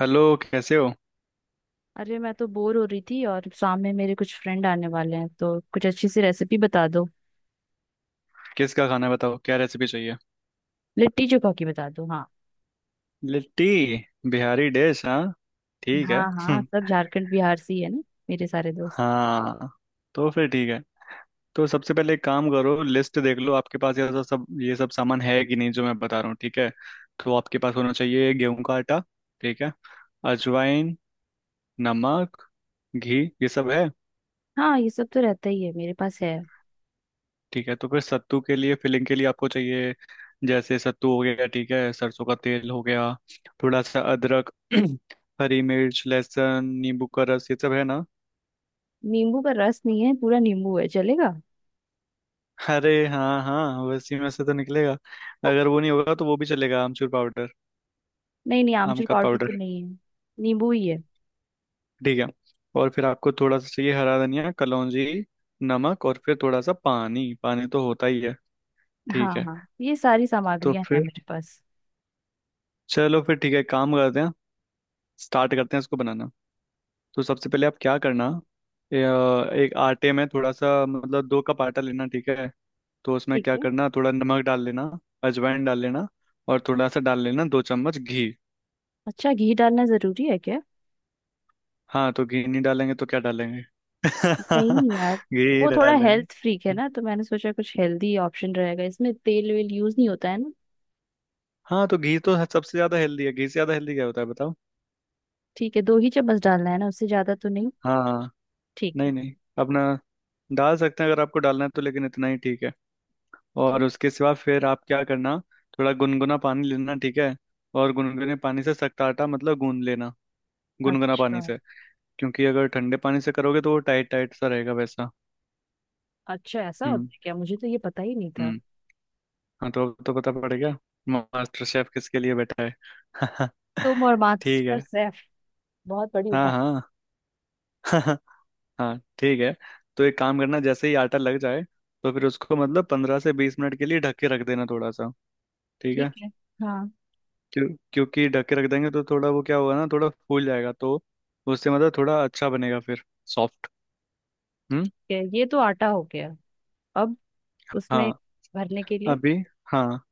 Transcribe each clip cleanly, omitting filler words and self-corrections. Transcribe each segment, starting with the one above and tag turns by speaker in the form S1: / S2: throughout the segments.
S1: Hello, कैसे हो?
S2: अरे मैं तो बोर हो रही थी और सामने मेरे कुछ फ्रेंड आने वाले हैं, तो कुछ अच्छी सी रेसिपी बता दो।
S1: किसका खाना है बताओ, क्या रेसिपी चाहिए?
S2: लिट्टी चोखा की बता दो। हाँ
S1: लिट्टी, बिहारी डिश। हाँ, ठीक
S2: हाँ,
S1: है।
S2: हाँ सब झारखंड बिहार से ही है ना, मेरे सारे दोस्त।
S1: हाँ, तो फिर ठीक है। तो सबसे पहले एक काम करो, लिस्ट देख लो आपके पास ये सब सब- ये सब सामान है कि नहीं जो मैं बता रहा हूँ, ठीक है। तो आपके पास होना चाहिए गेहूं का आटा, ठीक है, अजवाइन, नमक, घी, ये सब है?
S2: हाँ, ये सब तो रहता ही है, मेरे पास है।
S1: ठीक है, तो फिर सत्तू के लिए, फिलिंग के लिए आपको चाहिए, जैसे सत्तू हो गया, ठीक है, सरसों का तेल हो गया, थोड़ा सा अदरक, हरी मिर्च, लहसुन, नींबू का रस, ये सब है ना?
S2: नींबू का रस नहीं है, पूरा नींबू है, चलेगा?
S1: अरे हाँ हाँ, वैसे में से तो निकलेगा। अगर वो नहीं होगा तो वो भी चलेगा, आमचूर पाउडर,
S2: नहीं नहीं,
S1: आम
S2: आमचूर
S1: का
S2: पाउडर तो
S1: पाउडर।
S2: नहीं है। नींबू ही है।
S1: ठीक है। और फिर आपको थोड़ा सा चाहिए हरा धनिया, कलौंजी, नमक, और फिर थोड़ा सा पानी, पानी तो होता ही है,
S2: हाँ
S1: ठीक है।
S2: हाँ, ये सारी
S1: तो
S2: सामग्रियां हैं
S1: फिर
S2: मेरे पास।
S1: चलो फिर ठीक है, काम करते हैं। स्टार्ट करते हैं इसको बनाना। तो सबसे पहले आप क्या करना, एक आटे में थोड़ा सा मतलब दो कप आटा लेना, ठीक है। तो उसमें
S2: ठीक
S1: क्या
S2: है।
S1: करना, थोड़ा नमक डाल लेना, अजवाइन डाल लेना, और थोड़ा सा डाल लेना दो चम्मच घी।
S2: अच्छा, घी डालना जरूरी है क्या?
S1: हाँ तो घी नहीं डालेंगे तो क्या डालेंगे?
S2: नहीं यार।
S1: घी
S2: वो थोड़ा
S1: डालेंगे।
S2: हेल्थ फ्रीक है ना, तो मैंने सोचा कुछ हेल्दी ऑप्शन रहेगा। इसमें तेल वेल यूज नहीं होता है ना?
S1: हाँ तो घी तो सबसे ज्यादा हेल्दी है, घी से ज्यादा हेल्दी क्या होता है बताओ?
S2: ठीक है, दो ही चम्मच डालना है ना, उससे ज्यादा तो नहीं।
S1: हाँ हाँ।
S2: ठीक है।
S1: नहीं नहीं, अपना डाल सकते हैं अगर आपको डालना है तो, लेकिन इतना ही, ठीक है।
S2: ठीक।
S1: और उसके सिवा फिर आप क्या करना, थोड़ा गुनगुना पानी लेना, ठीक है। और गुनगुने पानी से सख्त आटा मतलब गूंद लेना, गुनगुना पानी
S2: अच्छा।
S1: से। क्योंकि अगर ठंडे पानी से करोगे तो वो टाइट टाइट सा रहेगा वैसा।
S2: अच्छा, ऐसा
S1: हम्म।
S2: होता है क्या? मुझे तो ये पता ही नहीं था।
S1: हम्म। हाँ तो अब तो पता पड़ गया, मास्टर शेफ किसके लिए बैठा है?
S2: तुम और
S1: ठीक
S2: मास्टर
S1: है।
S2: शेफ। बहुत बड़ी
S1: हाँ
S2: उठा।
S1: हाँ। हाँ ठीक है। तो एक काम करना, जैसे ही आटा लग जाए तो फिर उसको मतलब पंद्रह से बीस मिनट के लिए ढक के रख देना थोड़ा सा, ठीक
S2: ठीक
S1: है।
S2: है। हाँ।
S1: क्यों, क्योंकि ढक के रख देंगे तो थोड़ा वो क्या होगा ना, थोड़ा फूल जाएगा, तो उससे मतलब थोड़ा अच्छा बनेगा फिर, सॉफ्ट। हम्म।
S2: ठीक है, ये तो आटा हो गया। अब उसमें
S1: हाँ
S2: भरने के लिए।
S1: अभी। हाँ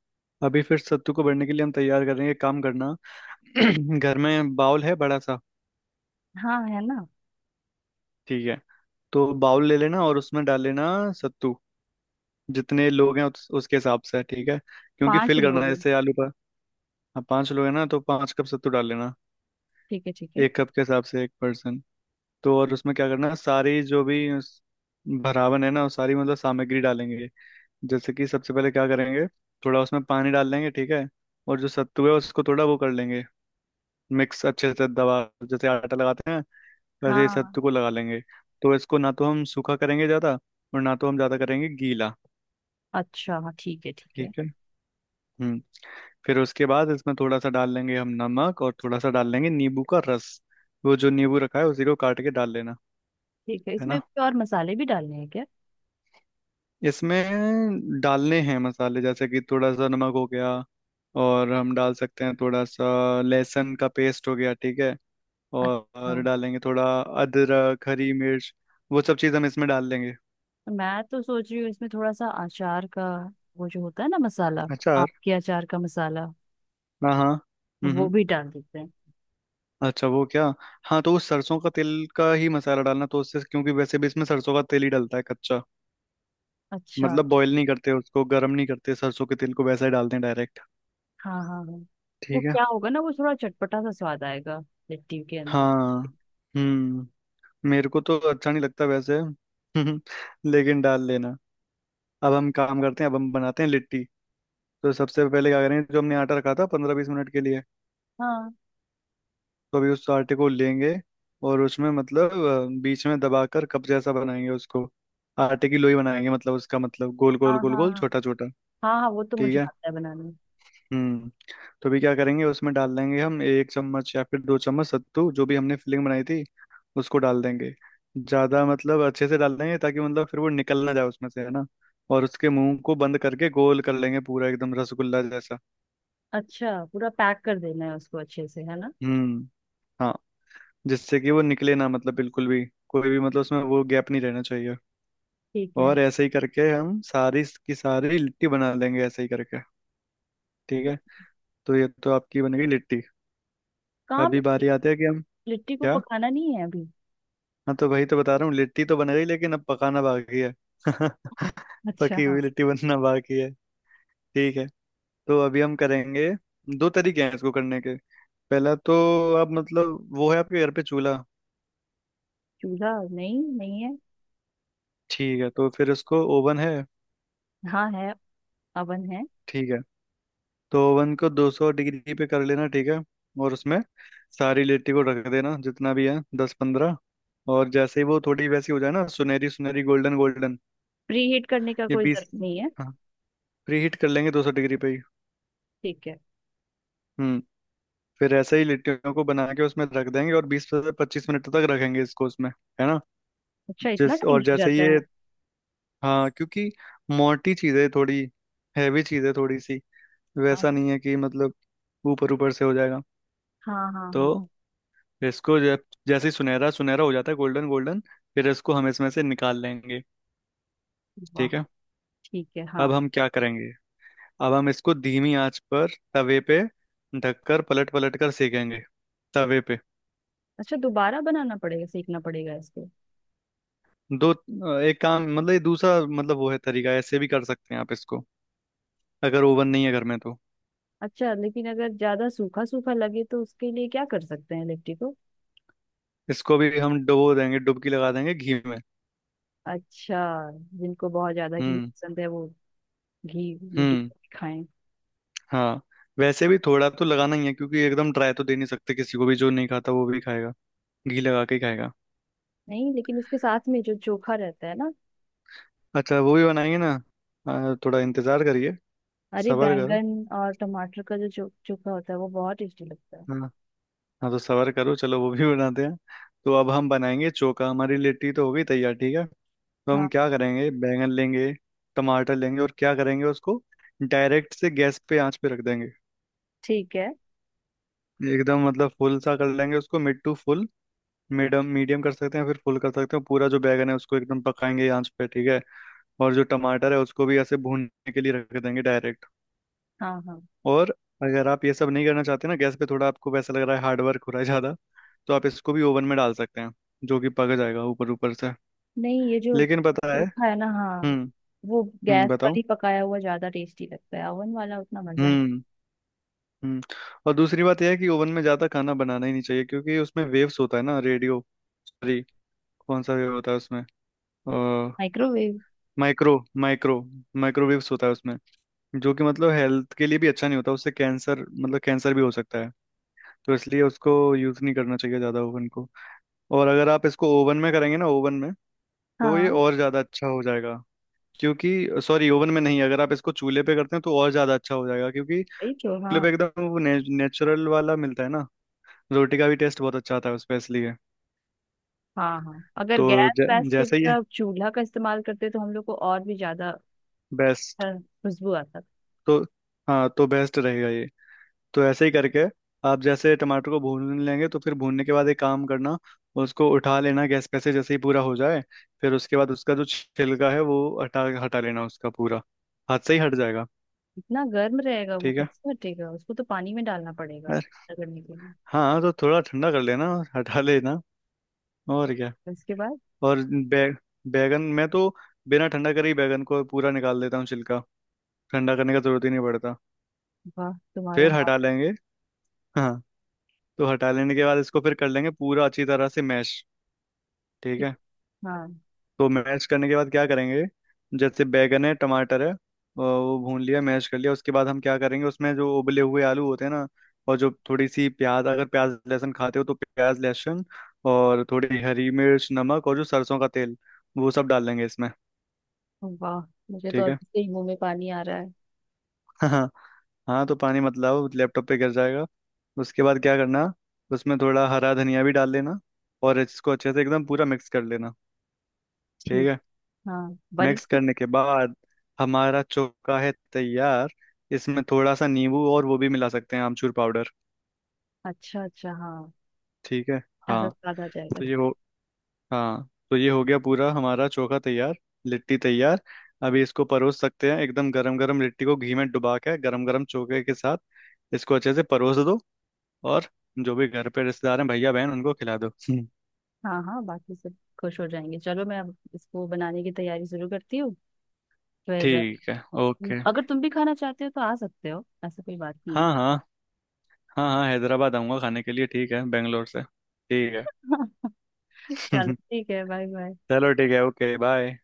S1: अभी फिर सत्तू को भरने के लिए हम तैयार करेंगे, काम करना। घर में बाउल है बड़ा सा?
S2: हाँ, है ना।
S1: ठीक है, तो बाउल ले लेना और उसमें डाल लेना सत्तू, जितने लोग हैं उसके हिसाब से, ठीक है। क्योंकि
S2: पांच
S1: फिल करना
S2: लोग
S1: है
S2: हैं।
S1: जैसे आलू पर। हाँ, पांच लोग हैं ना तो पांच कप सत्तू डाल लेना,
S2: ठीक है, ठीक है।
S1: एक कप के हिसाब से एक पर्सन। तो और उसमें क्या करना है, सारी जो भी उस भरावन है ना वो सारी मतलब सामग्री डालेंगे। जैसे कि सबसे पहले क्या करेंगे, थोड़ा उसमें पानी डाल देंगे, ठीक है। और जो सत्तू है उसको थोड़ा वो कर लेंगे मिक्स, अच्छे से दबा, जैसे आटा लगाते हैं वैसे ही
S2: हाँ।
S1: सत्तू को लगा लेंगे। तो इसको ना तो हम सूखा करेंगे ज़्यादा और ना तो हम ज़्यादा करेंगे गीला,
S2: अच्छा, हाँ, ठीक है, ठीक है।
S1: ठीक है। हम्म। फिर उसके बाद इसमें थोड़ा सा डाल लेंगे हम नमक, और थोड़ा सा डाल लेंगे नींबू का रस, वो जो नींबू रखा है उसी को काट के डाल लेना,
S2: ठीक है।
S1: है
S2: इसमें
S1: ना।
S2: कोई और मसाले भी डालने हैं क्या?
S1: इसमें डालने हैं मसाले, जैसे कि थोड़ा सा नमक हो गया, और हम डाल सकते हैं थोड़ा सा लहसुन का पेस्ट हो गया, ठीक है। और,
S2: अच्छा।
S1: और डालेंगे थोड़ा अदरक, हरी मिर्च, वो सब चीज़ हम इसमें डाल लेंगे।
S2: मैं तो सोच रही हूँ इसमें थोड़ा सा अचार का, वो जो होता है ना, मसाला। आम
S1: अचार,
S2: के अचार का मसाला।
S1: हाँ हाँ। हम्म
S2: वो
S1: हम्म।
S2: भी डाल देते हैं।
S1: अच्छा वो क्या। हाँ तो उस सरसों का तेल का ही मसाला डालना तो, उससे, क्योंकि वैसे भी इसमें सरसों का तेल ही डलता है कच्चा,
S2: अच्छा अच्छा,
S1: मतलब बॉईल नहीं करते उसको, गर्म नहीं करते सरसों के तेल को, वैसे ही डालते हैं डायरेक्ट,
S2: हाँ। हाँ हाँ। वो
S1: ठीक है।
S2: क्या होगा ना, वो थोड़ा चटपटा सा स्वाद आएगा, लिट्टी के अंदर।
S1: हाँ। हम्म। मेरे को तो अच्छा नहीं लगता वैसे, लेकिन डाल लेना। अब हम काम करते हैं, अब हम बनाते हैं लिट्टी। तो सबसे पहले क्या करेंगे, जो हमने आटा रखा था पंद्रह बीस मिनट के लिए,
S2: हाँ
S1: तो अभी उस आटे को लेंगे और उसमें मतलब बीच में दबाकर कप जैसा बनाएंगे उसको, आटे की लोई बनाएंगे मतलब, उसका मतलब गोल
S2: हाँ
S1: गोल गोल
S2: हाँ।
S1: गोल
S2: हाँ
S1: छोटा छोटा,
S2: हाँ हाँ, वो तो
S1: ठीक
S2: मुझे
S1: है।
S2: आता है बनाने।
S1: हम्म। तो भी क्या करेंगे, उसमें डाल देंगे हम एक चम्मच या फिर दो चम्मच सत्तू, जो भी हमने फिलिंग बनाई थी उसको डाल देंगे ज्यादा, मतलब अच्छे से डाल देंगे ताकि मतलब फिर वो निकल ना जाए उसमें से, है ना। और उसके मुंह को बंद करके गोल कर लेंगे पूरा, एकदम रसगुल्ला जैसा।
S2: अच्छा, पूरा पैक कर देना है उसको अच्छे से, है ना?
S1: हम्म। हाँ, जिससे कि वो निकले ना मतलब बिल्कुल भी, कोई भी मतलब उसमें वो गैप नहीं रहना चाहिए।
S2: ठीक है।
S1: और ऐसे ही करके हम सारी की सारी लिट्टी बना लेंगे ऐसे ही करके, ठीक है। तो ये तो आपकी बन गई लिट्टी।
S2: कहाँ
S1: अभी
S2: पे-
S1: बारी आती है कि हम,
S2: लिट्टी को
S1: क्या।
S2: पकाना नहीं है अभी?
S1: हाँ तो भाई तो बता रहा हूँ, लिट्टी तो बन गई लेकिन अब पकाना बाकी है।
S2: अच्छा,
S1: पकी
S2: हाँ।
S1: हुई लिट्टी बनना बाकी है, ठीक है। तो अभी हम करेंगे, दो तरीके हैं इसको करने के। पहला तो, आप मतलब वो है आपके घर पे चूल्हा?
S2: चूल्हा नहीं, नहीं है।
S1: ठीक है तो फिर उसको, ओवन है?
S2: हाँ, है। अवन है।
S1: ठीक है। तो ओवन को 200 डिग्री पे कर लेना, ठीक है। और उसमें सारी लिट्टी को रख देना जितना भी है, दस पंद्रह। और जैसे ही वो थोड़ी वैसी हो जाए ना, सुनहरी सुनहरी गोल्डन गोल्डन,
S2: प्री हीट करने का
S1: ये
S2: कोई
S1: बीस।
S2: जरूरत नहीं है?
S1: हाँ, प्री हीट कर लेंगे 200 डिग्री पे ही।
S2: ठीक है।
S1: हम्म। फिर ऐसे ही लिट्टियों को बना के उसमें रख देंगे और बीस से पच्चीस मिनट तक रखेंगे इसको उसमें, है ना।
S2: अच्छा, इतना
S1: जिस
S2: टाइम
S1: और
S2: लग
S1: जैसे
S2: जाता
S1: ये,
S2: है?
S1: हाँ क्योंकि मोटी चीज़ है थोड़ी, हैवी चीज़ है थोड़ी सी,
S2: हाँ
S1: वैसा नहीं है कि मतलब ऊपर ऊपर से हो जाएगा।
S2: हाँ हाँ।
S1: तो
S2: हाँ।
S1: इसको जब जैसे ही सुनहरा सुनहरा हो जाता है गोल्डन गोल्डन, फिर इसको हम इसमें से निकाल लेंगे,
S2: वाह।
S1: ठीक है।
S2: ठीक है, हाँ।
S1: अब हम क्या करेंगे, अब हम इसको धीमी आंच पर तवे पे ढककर पलट पलट कर सेकेंगे, तवे पे।
S2: अच्छा, दोबारा बनाना पड़ेगा, सीखना पड़ेगा इसको।
S1: दो, एक काम मतलब, ये दूसरा मतलब वो है तरीका, ऐसे भी कर सकते हैं आप इसको अगर ओवन नहीं है घर में तो।
S2: अच्छा, लेकिन अगर ज्यादा सूखा सूखा लगे तो उसके लिए क्या कर सकते हैं लिट्टी को?
S1: इसको भी हम डुबो देंगे, डुबकी लगा देंगे घी में।
S2: अच्छा। जिनको बहुत ज्यादा घी
S1: हम्म।
S2: पसंद है, वो घी में
S1: हम्म।
S2: डुबो के खाएं।
S1: हाँ, वैसे भी थोड़ा तो लगाना ही है, क्योंकि एकदम ड्राई तो दे नहीं सकते किसी को भी, जो नहीं खाता वो भी खाएगा, घी लगा के ही खाएगा।
S2: नहीं, लेकिन उसके साथ में जो चोखा रहता है ना।
S1: अच्छा वो भी बनाएंगे ना, हाँ, थोड़ा इंतजार करिए।
S2: अरे,
S1: सब्र करो।
S2: बैंगन और टमाटर का जो चोखा होता है वो बहुत टेस्टी लगता है।
S1: हाँ, हाँ तो सब्र करो, चलो वो भी बनाते हैं। तो अब हम बनाएंगे चोखा, हमारी लिट्टी तो हो गई तैयार, ठीक है। तो हम
S2: हाँ।
S1: क्या करेंगे, बैंगन लेंगे, टमाटर लेंगे, और क्या करेंगे उसको, डायरेक्ट से गैस पे आंच पे रख देंगे,
S2: ठीक है,
S1: एकदम मतलब फुल सा कर लेंगे उसको, mid to full, medium medium कर सकते हैं फिर फुल कर सकते हैं, पूरा जो बैगन है उसको एकदम पकाएंगे आंच पे, ठीक है। और जो टमाटर है उसको भी ऐसे भूनने के लिए रख देंगे डायरेक्ट।
S2: हाँ हाँ।
S1: और अगर आप ये सब नहीं करना चाहते ना गैस पे, थोड़ा आपको वैसा लग रहा है हार्ड वर्क हो रहा है ज़्यादा, तो आप इसको भी ओवन में डाल सकते हैं, जो कि पक जाएगा ऊपर ऊपर से।
S2: नहीं, ये जो
S1: लेकिन पता है,
S2: चोखा है ना, हाँ,
S1: हम्म,
S2: वो गैस पर
S1: बताओ।
S2: ही पकाया हुआ ज्यादा टेस्टी लगता है, ओवन वाला उतना मजा नहीं।
S1: हम्म। हम्म। और दूसरी बात यह है कि ओवन में ज्यादा खाना बनाना ही नहीं चाहिए, क्योंकि उसमें वेव्स होता है ना रेडियो, सॉरी, कौन सा वेव होता है उसमें,
S2: माइक्रोवेव।
S1: माइक्रो, माइक्रो, माइक्रोवेव्स होता है उसमें, जो कि मतलब हेल्थ के लिए भी अच्छा नहीं होता, उससे कैंसर मतलब कैंसर भी हो सकता है। तो इसलिए उसको यूज नहीं करना चाहिए ज्यादा, ओवन को। और अगर आप इसको ओवन में करेंगे ना, ओवन में, तो ये
S2: हाँ,
S1: और ज्यादा अच्छा हो जाएगा, क्योंकि, सॉरी ओवन में नहीं, अगर आप इसको चूल्हे पे करते हैं तो और ज्यादा अच्छा हो जाएगा, क्योंकि
S2: वही तो,
S1: चूल्हे पे
S2: हाँ।
S1: एकदम वो नेचुरल वाला मिलता है ना, रोटी का भी टेस्ट बहुत अच्छा आता है उसमें, इसलिए।
S2: हाँ, हाँ अगर
S1: तो
S2: गैस
S1: जै,
S2: वैस की
S1: जैसे ही,
S2: जगह चूल्हा का इस्तेमाल करते तो हम लोग को और भी ज्यादा अ,
S1: बेस्ट,
S2: खुशबू आता।
S1: तो हाँ तो बेस्ट रहेगा ये। तो ऐसे ही करके आप जैसे टमाटर को भून लेंगे तो फिर भूनने के बाद एक काम करना, उसको उठा लेना गैस पे से जैसे ही पूरा हो जाए, फिर उसके बाद उसका जो छिलका है वो हटा हटा लेना उसका पूरा, हाथ से ही हट जाएगा,
S2: इतना गर्म रहेगा वो,
S1: ठीक है।
S2: कैसे हटेगा? उसको तो पानी में डालना पड़ेगा,
S1: अरे,
S2: रगड़ने के लिए।
S1: हाँ तो थोड़ा ठंडा कर लेना और हटा लेना, और क्या।
S2: उसके बाद।
S1: और बैगन मैं तो बिना ठंडा करे ही बैगन को पूरा निकाल देता हूँ छिलका, ठंडा करने का जरूरत ही नहीं पड़ता,
S2: वाह, तुम्हारा
S1: फिर
S2: हाथ।
S1: हटा लेंगे। हाँ, तो हटा लेने के बाद इसको फिर कर लेंगे पूरा अच्छी तरह से मैश, ठीक
S2: की।
S1: है।
S2: हाँ।
S1: तो मैश करने के बाद क्या करेंगे, जैसे बैगन है, टमाटर है, वो भून लिया, मैश कर लिया, उसके बाद हम क्या करेंगे, उसमें जो उबले हुए आलू होते हैं ना, और जो थोड़ी सी प्याज, अगर प्याज लहसुन खाते हो तो प्याज लहसुन, और थोड़ी हरी मिर्च, नमक, और जो सरसों का तेल, वो सब डाल देंगे इसमें,
S2: वाह, मुझे तो
S1: ठीक है।
S2: अभी से ही मुंह में पानी आ रहा है।
S1: हाँ। हाँ तो पानी मत लाओ, लैपटॉप पे गिर जाएगा। उसके बाद क्या करना, उसमें थोड़ा हरा धनिया भी डाल लेना, और इसको अच्छे से एकदम पूरा मिक्स कर लेना, ठीक
S2: ठीक।
S1: है।
S2: हाँ, बन
S1: मिक्स
S2: गई।
S1: करने के बाद हमारा चोखा है तैयार, इसमें थोड़ा सा नींबू, और वो भी मिला सकते हैं आमचूर पाउडर,
S2: अच्छा अच्छा, हाँ।
S1: ठीक है।
S2: ऐसा
S1: हाँ
S2: स्वाद आ जाएगा
S1: तो
S2: तो।
S1: ये हो, हाँ तो ये हो गया पूरा हमारा चोखा तैयार, लिट्टी तैयार। अभी इसको परोस सकते हैं एकदम गरम गरम लिट्टी को घी में डुबा के गरम गरम चोखे के साथ, इसको अच्छे से परोस दो। और जो भी घर पे रिश्तेदार हैं, भैया, बहन, उनको खिला दो।
S2: हाँ हाँ, बाकी सब खुश हो जाएंगे। चलो, मैं अब इसको बनाने की तैयारी शुरू करती हूँ फिर।
S1: ठीक है, ओके।
S2: अगर तुम भी खाना चाहते हो तो आ सकते हो, ऐसा कोई बात नहीं
S1: हाँ हाँ। हाँ हाँ, हैदराबाद आऊंगा खाने के लिए, ठीक है, बेंगलोर से, ठीक
S2: है। चलो
S1: है।
S2: ठीक है, बाय बाय।
S1: चलो ठीक है, ओके, बाय।